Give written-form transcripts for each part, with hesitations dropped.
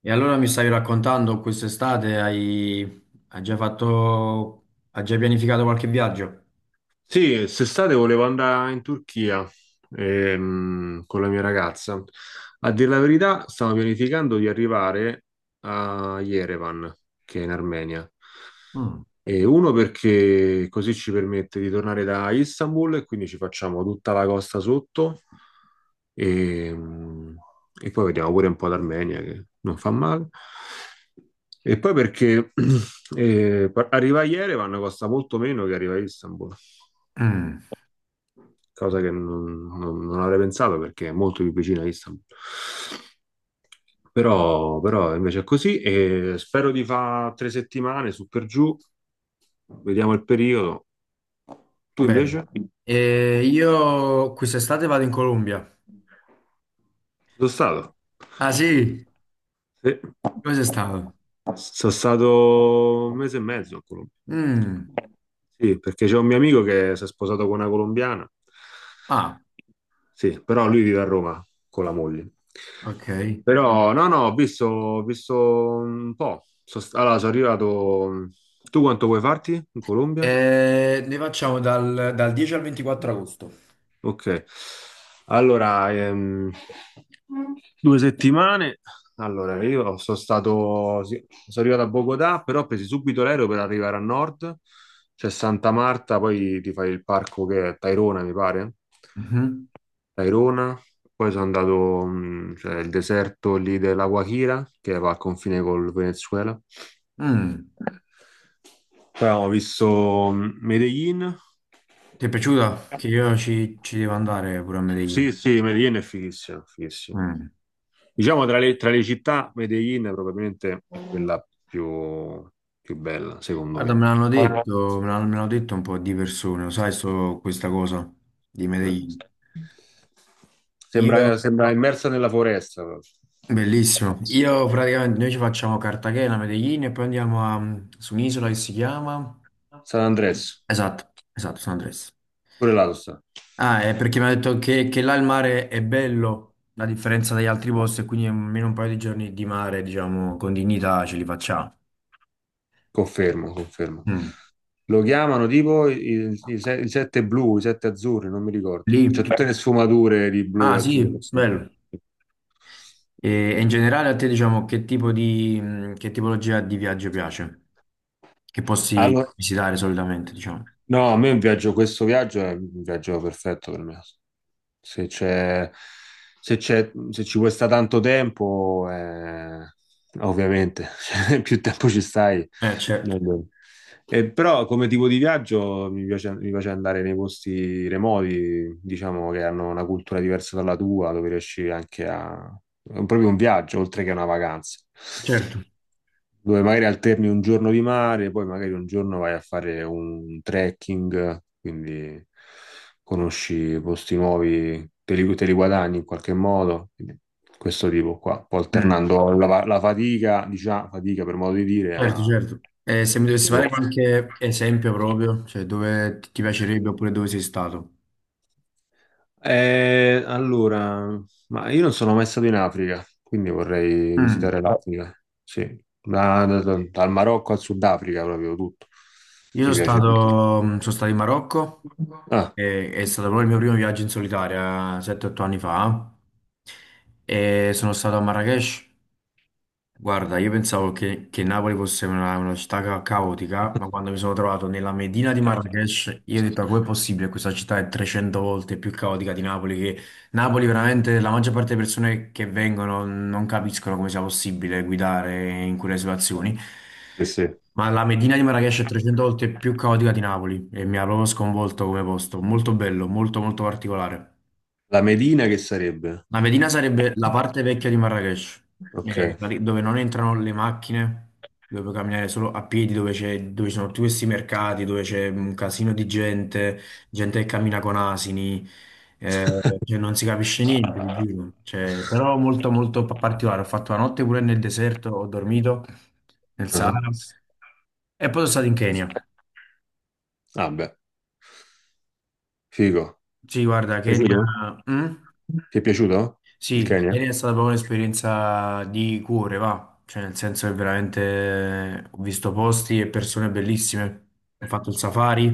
E allora mi stavi raccontando, quest'estate hai già fatto, hai già pianificato qualche viaggio? Sì, quest'estate volevo andare in Turchia con la mia ragazza. A dire la verità, stavo pianificando di arrivare a Yerevan, che è in Armenia. Mm. E uno perché così ci permette di tornare da Istanbul e quindi ci facciamo tutta la costa sotto e, e poi vediamo pure un po' d'Armenia che non fa male. E poi perché arrivare a Yerevan costa molto meno che arrivare a Istanbul, Mm. cosa che non avrei pensato perché è molto più vicina a Istanbul. Però invece è così e spero di fare 3 settimane su per giù, vediamo il periodo. Tu Bene. invece? E io quest'estate vado in Colombia. Ci sono stato. Ah, sì? Sì. Dove sei stato? Sono stato un mese e mezzo a Colombia. Mm. Sì, perché c'è un mio amico che si è sposato con una colombiana. Ah, Sì, però lui vive a Roma con la moglie. ok. Però no, no, ho visto un po'. Allora, sono arrivato. Tu quanto vuoi farti in Colombia? E ne facciamo dal 10 al 24 agosto. Ok, allora, 2 settimane. Allora, io sono stato, sì, sono arrivato a Bogotà, però ho preso subito l'aereo per arrivare a nord. C'è Santa Marta, poi ti fai il parco che è Tairona, mi pare. Mhm. Tairona, poi sono andato, cioè, il deserto lì della Guajira, che va al confine col Venezuela. Mm. Poi abbiamo visto Medellin, Ti è piaciuta? Che io ci devo andare pure a sì, Medellin. sì, Medellin è fighissima, fighissima. Mm. Diciamo tra le città, Medellin è probabilmente quella più bella, secondo Guarda, me me. l'hanno detto, me l'hanno detto un po' di persone, lo sai, so questa cosa di Eh. Medellin. Sembra, Io, sembra immersa nella foresta, proprio. bellissimo, io praticamente noi ci facciamo Cartagena, Medellin e poi andiamo su un'isola che si chiama... San Andres, Esatto, esatto, San Andres. pure là lo sta. Ah, è perché mi ha detto che là il mare è bello, a differenza dagli altri posti, e quindi almeno un paio di giorni di mare, diciamo, con dignità ce li facciamo. Confermo, confermo. Mm. Lo chiamano tipo i, i- i se- i sette blu, i sette azzurri, non mi ricordo. C'è Lì? tutte le sfumature di blu Ah, e sì, azzurro, insomma. bello. E, e in generale a te, diciamo, che tipologia di viaggio piace? Che posti Allora, visitare solitamente, diciamo? no, a me un viaggio, questo viaggio è un viaggio perfetto per me. Se c'è, se ci vuoi sta tanto tempo, ovviamente, cioè, più tempo ci stai, Certo, meglio. Però come tipo di viaggio mi piace andare nei posti remoti, diciamo che hanno una cultura diversa dalla tua, dove riesci anche a... È proprio un viaggio, oltre che una vacanza, certo. dove magari alterni un giorno di mare, poi magari un giorno vai a fare un trekking, quindi conosci posti nuovi, te li guadagni in qualche modo, quindi questo tipo qua, un po' Mm, alternando la fatica, diciamo, fatica per modo di dire, certo, a... certo. E se mi dovessi fare qualche esempio proprio, cioè dove ti piacerebbe oppure dove sei stato? Allora, ma io non sono mai stato in Africa, quindi vorrei Mm. visitare l'Africa, sì, dal Marocco al Sudafrica proprio tutto, Io mi piace. Sono stato in Marocco, è stato proprio il mio primo viaggio in solitaria, 7-8 anni fa, e sono stato a Marrakech. Guarda, io pensavo che Napoli fosse una città caotica, ma Ah. quando mi sono trovato nella Medina di Ah, Marrakesh, io ho detto, "Ma com'è possibile? Questa città è 300 volte più caotica di Napoli, che Napoli veramente la maggior parte delle persone che vengono non capiscono come sia possibile guidare in quelle situazioni. sì, sì. Ma la Medina di Marrakesh è 300 volte più caotica di Napoli e mi ha proprio sconvolto come posto. Molto bello, molto molto particolare." La Medina che sarebbe? La Medina sarebbe la parte vecchia di Marrakesh, Ok. Dove non entrano le macchine, dove puoi camminare solo a piedi, dove ci sono tutti questi mercati, dove c'è un casino di gente, gente che cammina con asini, eh, cioè non si capisce niente di giro. Cioè, però molto molto particolare. Ho fatto la notte pure nel deserto, ho dormito nel Ah, Sahara e poi sono stato in Kenya. ah, beh, figo. Sì, guarda, Kenya. Piaciuto? Mm? Ti è piaciuto il Sì, Kenya? ieri è stata proprio un'esperienza di cuore, va, cioè nel senso che veramente ho visto posti e persone bellissime, ho fatto il safari,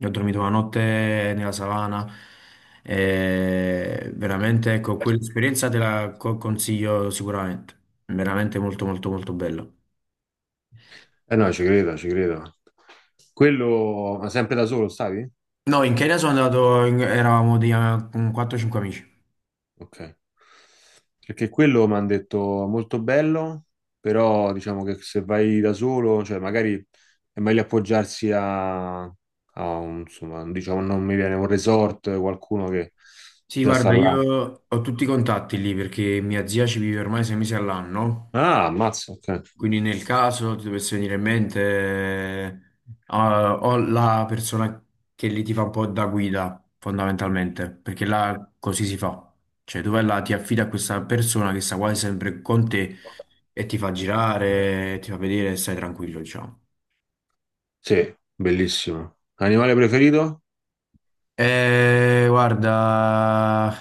ho dormito la notte nella savana, e veramente ecco, quell'esperienza te la consiglio sicuramente, veramente molto molto molto bella. Eh no, ci credo, ci credo. Quello, ma sempre da solo stavi? No, in Kenya sono andato, eravamo con 4-5 amici. Ok. Perché quello mi hanno detto molto bello, però diciamo che se vai da solo, cioè magari è meglio appoggiarsi a un, insomma, diciamo non mi viene un resort, qualcuno che Sì, già sta guarda, là. io ho tutti i contatti lì perché mia zia ci vive ormai 6 mesi all'anno. Ah, ammazza, ok. Quindi nel caso ti dovesse venire in mente, o la persona che lì ti fa un po' da guida, fondamentalmente, perché là così si fa. Cioè tu vai là, ti affidi a questa persona che sta quasi sempre con te e ti fa girare, ti fa vedere e stai tranquillo, diciamo. Sì, bellissimo. Animale preferito? Guarda,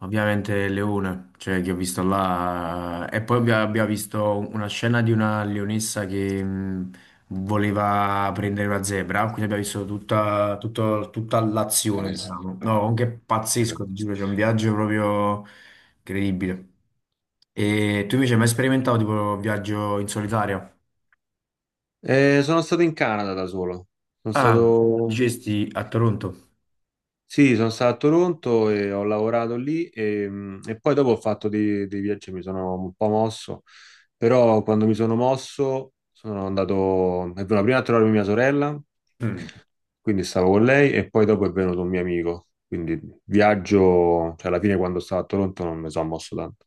ovviamente Leone, cioè che ho visto là, e poi abbiamo visto una scena di una leonessa che voleva prendere una zebra, quindi abbiamo visto tutta l'azione, Sì. diciamo. No, anche pazzesco, ti giuro, c'è un viaggio proprio incredibile. E tu invece hai mai sperimentato tipo un viaggio in solitario? Sono stato in Canada da solo. Sono Ah, stato... dicesti a Toronto. Sì, sono stato a Toronto e ho lavorato lì e poi dopo ho fatto dei viaggi, e mi sono un po' mosso, però quando mi sono mosso sono andato... È venuta prima a trovarmi mia sorella. Mm. Quindi stavo con lei e poi dopo è venuto un mio amico. Quindi viaggio, cioè alla fine quando stavo a Toronto non mi sono mosso tanto.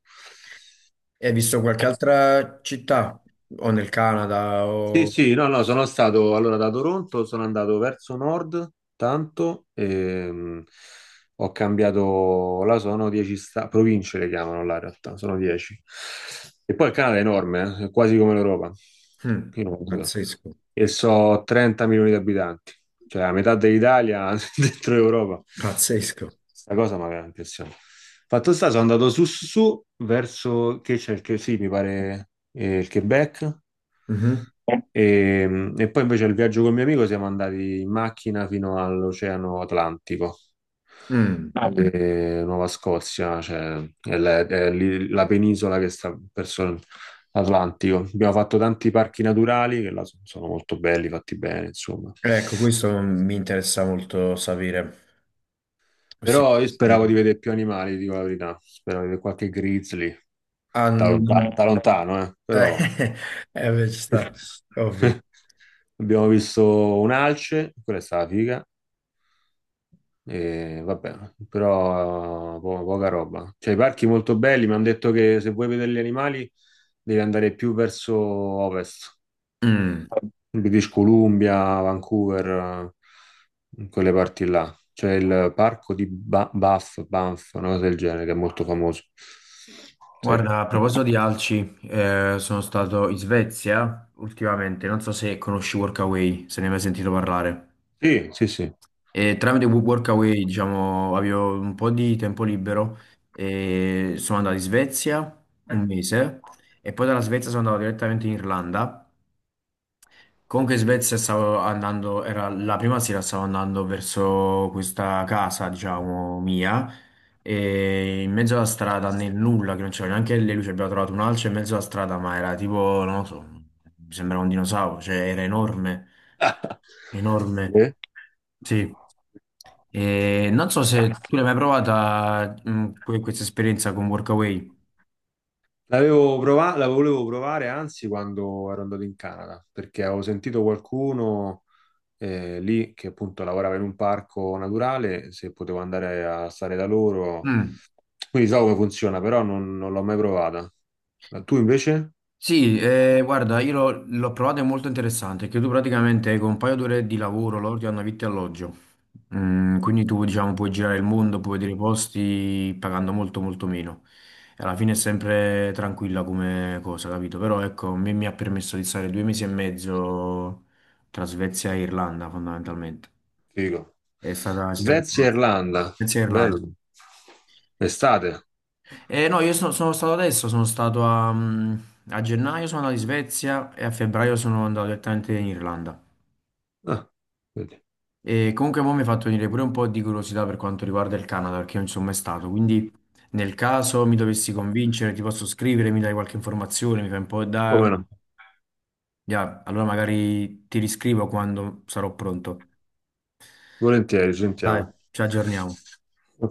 Hai visto qualche altra città? O nel Canada? Sì, O... sì, no, no, sono stato allora da Toronto, sono andato verso nord tanto, ho cambiato, là sono 10 province le chiamano là in realtà, sono 10. E poi il Canada è enorme, è quasi come l'Europa. Mm. Pazzesco, E so 30 milioni di abitanti, cioè la metà dell'Italia dentro l'Europa. pazzesco. Sta cosa mi aveva impressionato. Fatto sta, sono andato su su, su, verso che c'è il che sì, mi pare il Quebec. Mhm. E poi invece il viaggio col mio amico siamo andati in macchina fino all'Oceano Atlantico, Mm. Nuova Scozia, cioè è lì la penisola che sta verso l'Atlantico. Abbiamo fatto tanti parchi naturali che là sono molto belli, fatti bene, insomma. Ecco, questo mi interessa molto sapere. Questi... Però io speravo di vedere più animali, dico la verità. Speravo di vedere qualche grizzly, Ah, da lontano, eh, però... beh, ci sta, ovvio. Abbiamo visto un alce, quella è stata figa. E vabbè, però poca roba. Cioè, i parchi molto belli, mi hanno detto che se vuoi vedere gli animali devi andare più verso ovest, Mm. British Columbia, Vancouver, in quelle parti là. C'è il parco di Banff, una cosa del genere, che è molto famoso. Sì, Guarda, a proposito di alci, sono stato in Svezia ultimamente, non so se conosci Workaway, se ne hai mai sentito parlare. sì, sì. Sì. E tramite Workaway, diciamo, avevo un po' di tempo libero e sono andato in Svezia un mese e poi dalla Svezia sono andato direttamente in Irlanda. Comunque in Svezia stavo andando, era la prima sera stavo andando verso questa casa, diciamo, mia, e in mezzo alla strada nel nulla, che non c'era neanche le luci, abbiamo trovato un alce in mezzo alla strada, ma era tipo, non lo so, mi sembrava un dinosauro, cioè era enorme, enorme, Eh? sì. E non so se tu l'hai mai provata, questa esperienza con Workaway. La volevo provare, anzi, quando ero andato in Canada, perché avevo sentito qualcuno lì che appunto lavorava in un parco naturale, se potevo andare a stare da loro. Mm. Quindi so come funziona, però non l'ho mai provata. Ma tu invece? Sì, guarda, io l'ho provata, è molto interessante, che tu praticamente con un paio d'ore di lavoro loro ti danno vitto e alloggio. Mm, quindi tu, diciamo, puoi girare il mondo, puoi vedere i posti pagando molto molto meno. E alla fine è sempre tranquilla come cosa, capito? Però ecco, mi ha permesso di stare 2 mesi e mezzo tra Svezia e Irlanda, fondamentalmente. Figo. È stata un'esperienza... Svezia e Irlanda, Svezia e Irlanda. bello. Estate. No, io sono stato adesso, sono stato a gennaio, sono andato in Svezia e a febbraio sono andato direttamente in Irlanda. Ah, vedi. E comunque mo mi ha fatto venire pure un po' di curiosità per quanto riguarda il Canada, perché io non ci sono mai stato, quindi nel caso mi dovessi convincere, ti posso scrivere, mi dai qualche informazione, mi fai un po' da... Come no? Ya, allora magari ti riscrivo quando sarò pronto. Volentieri, ci Dai, sentiamo. ci aggiorniamo.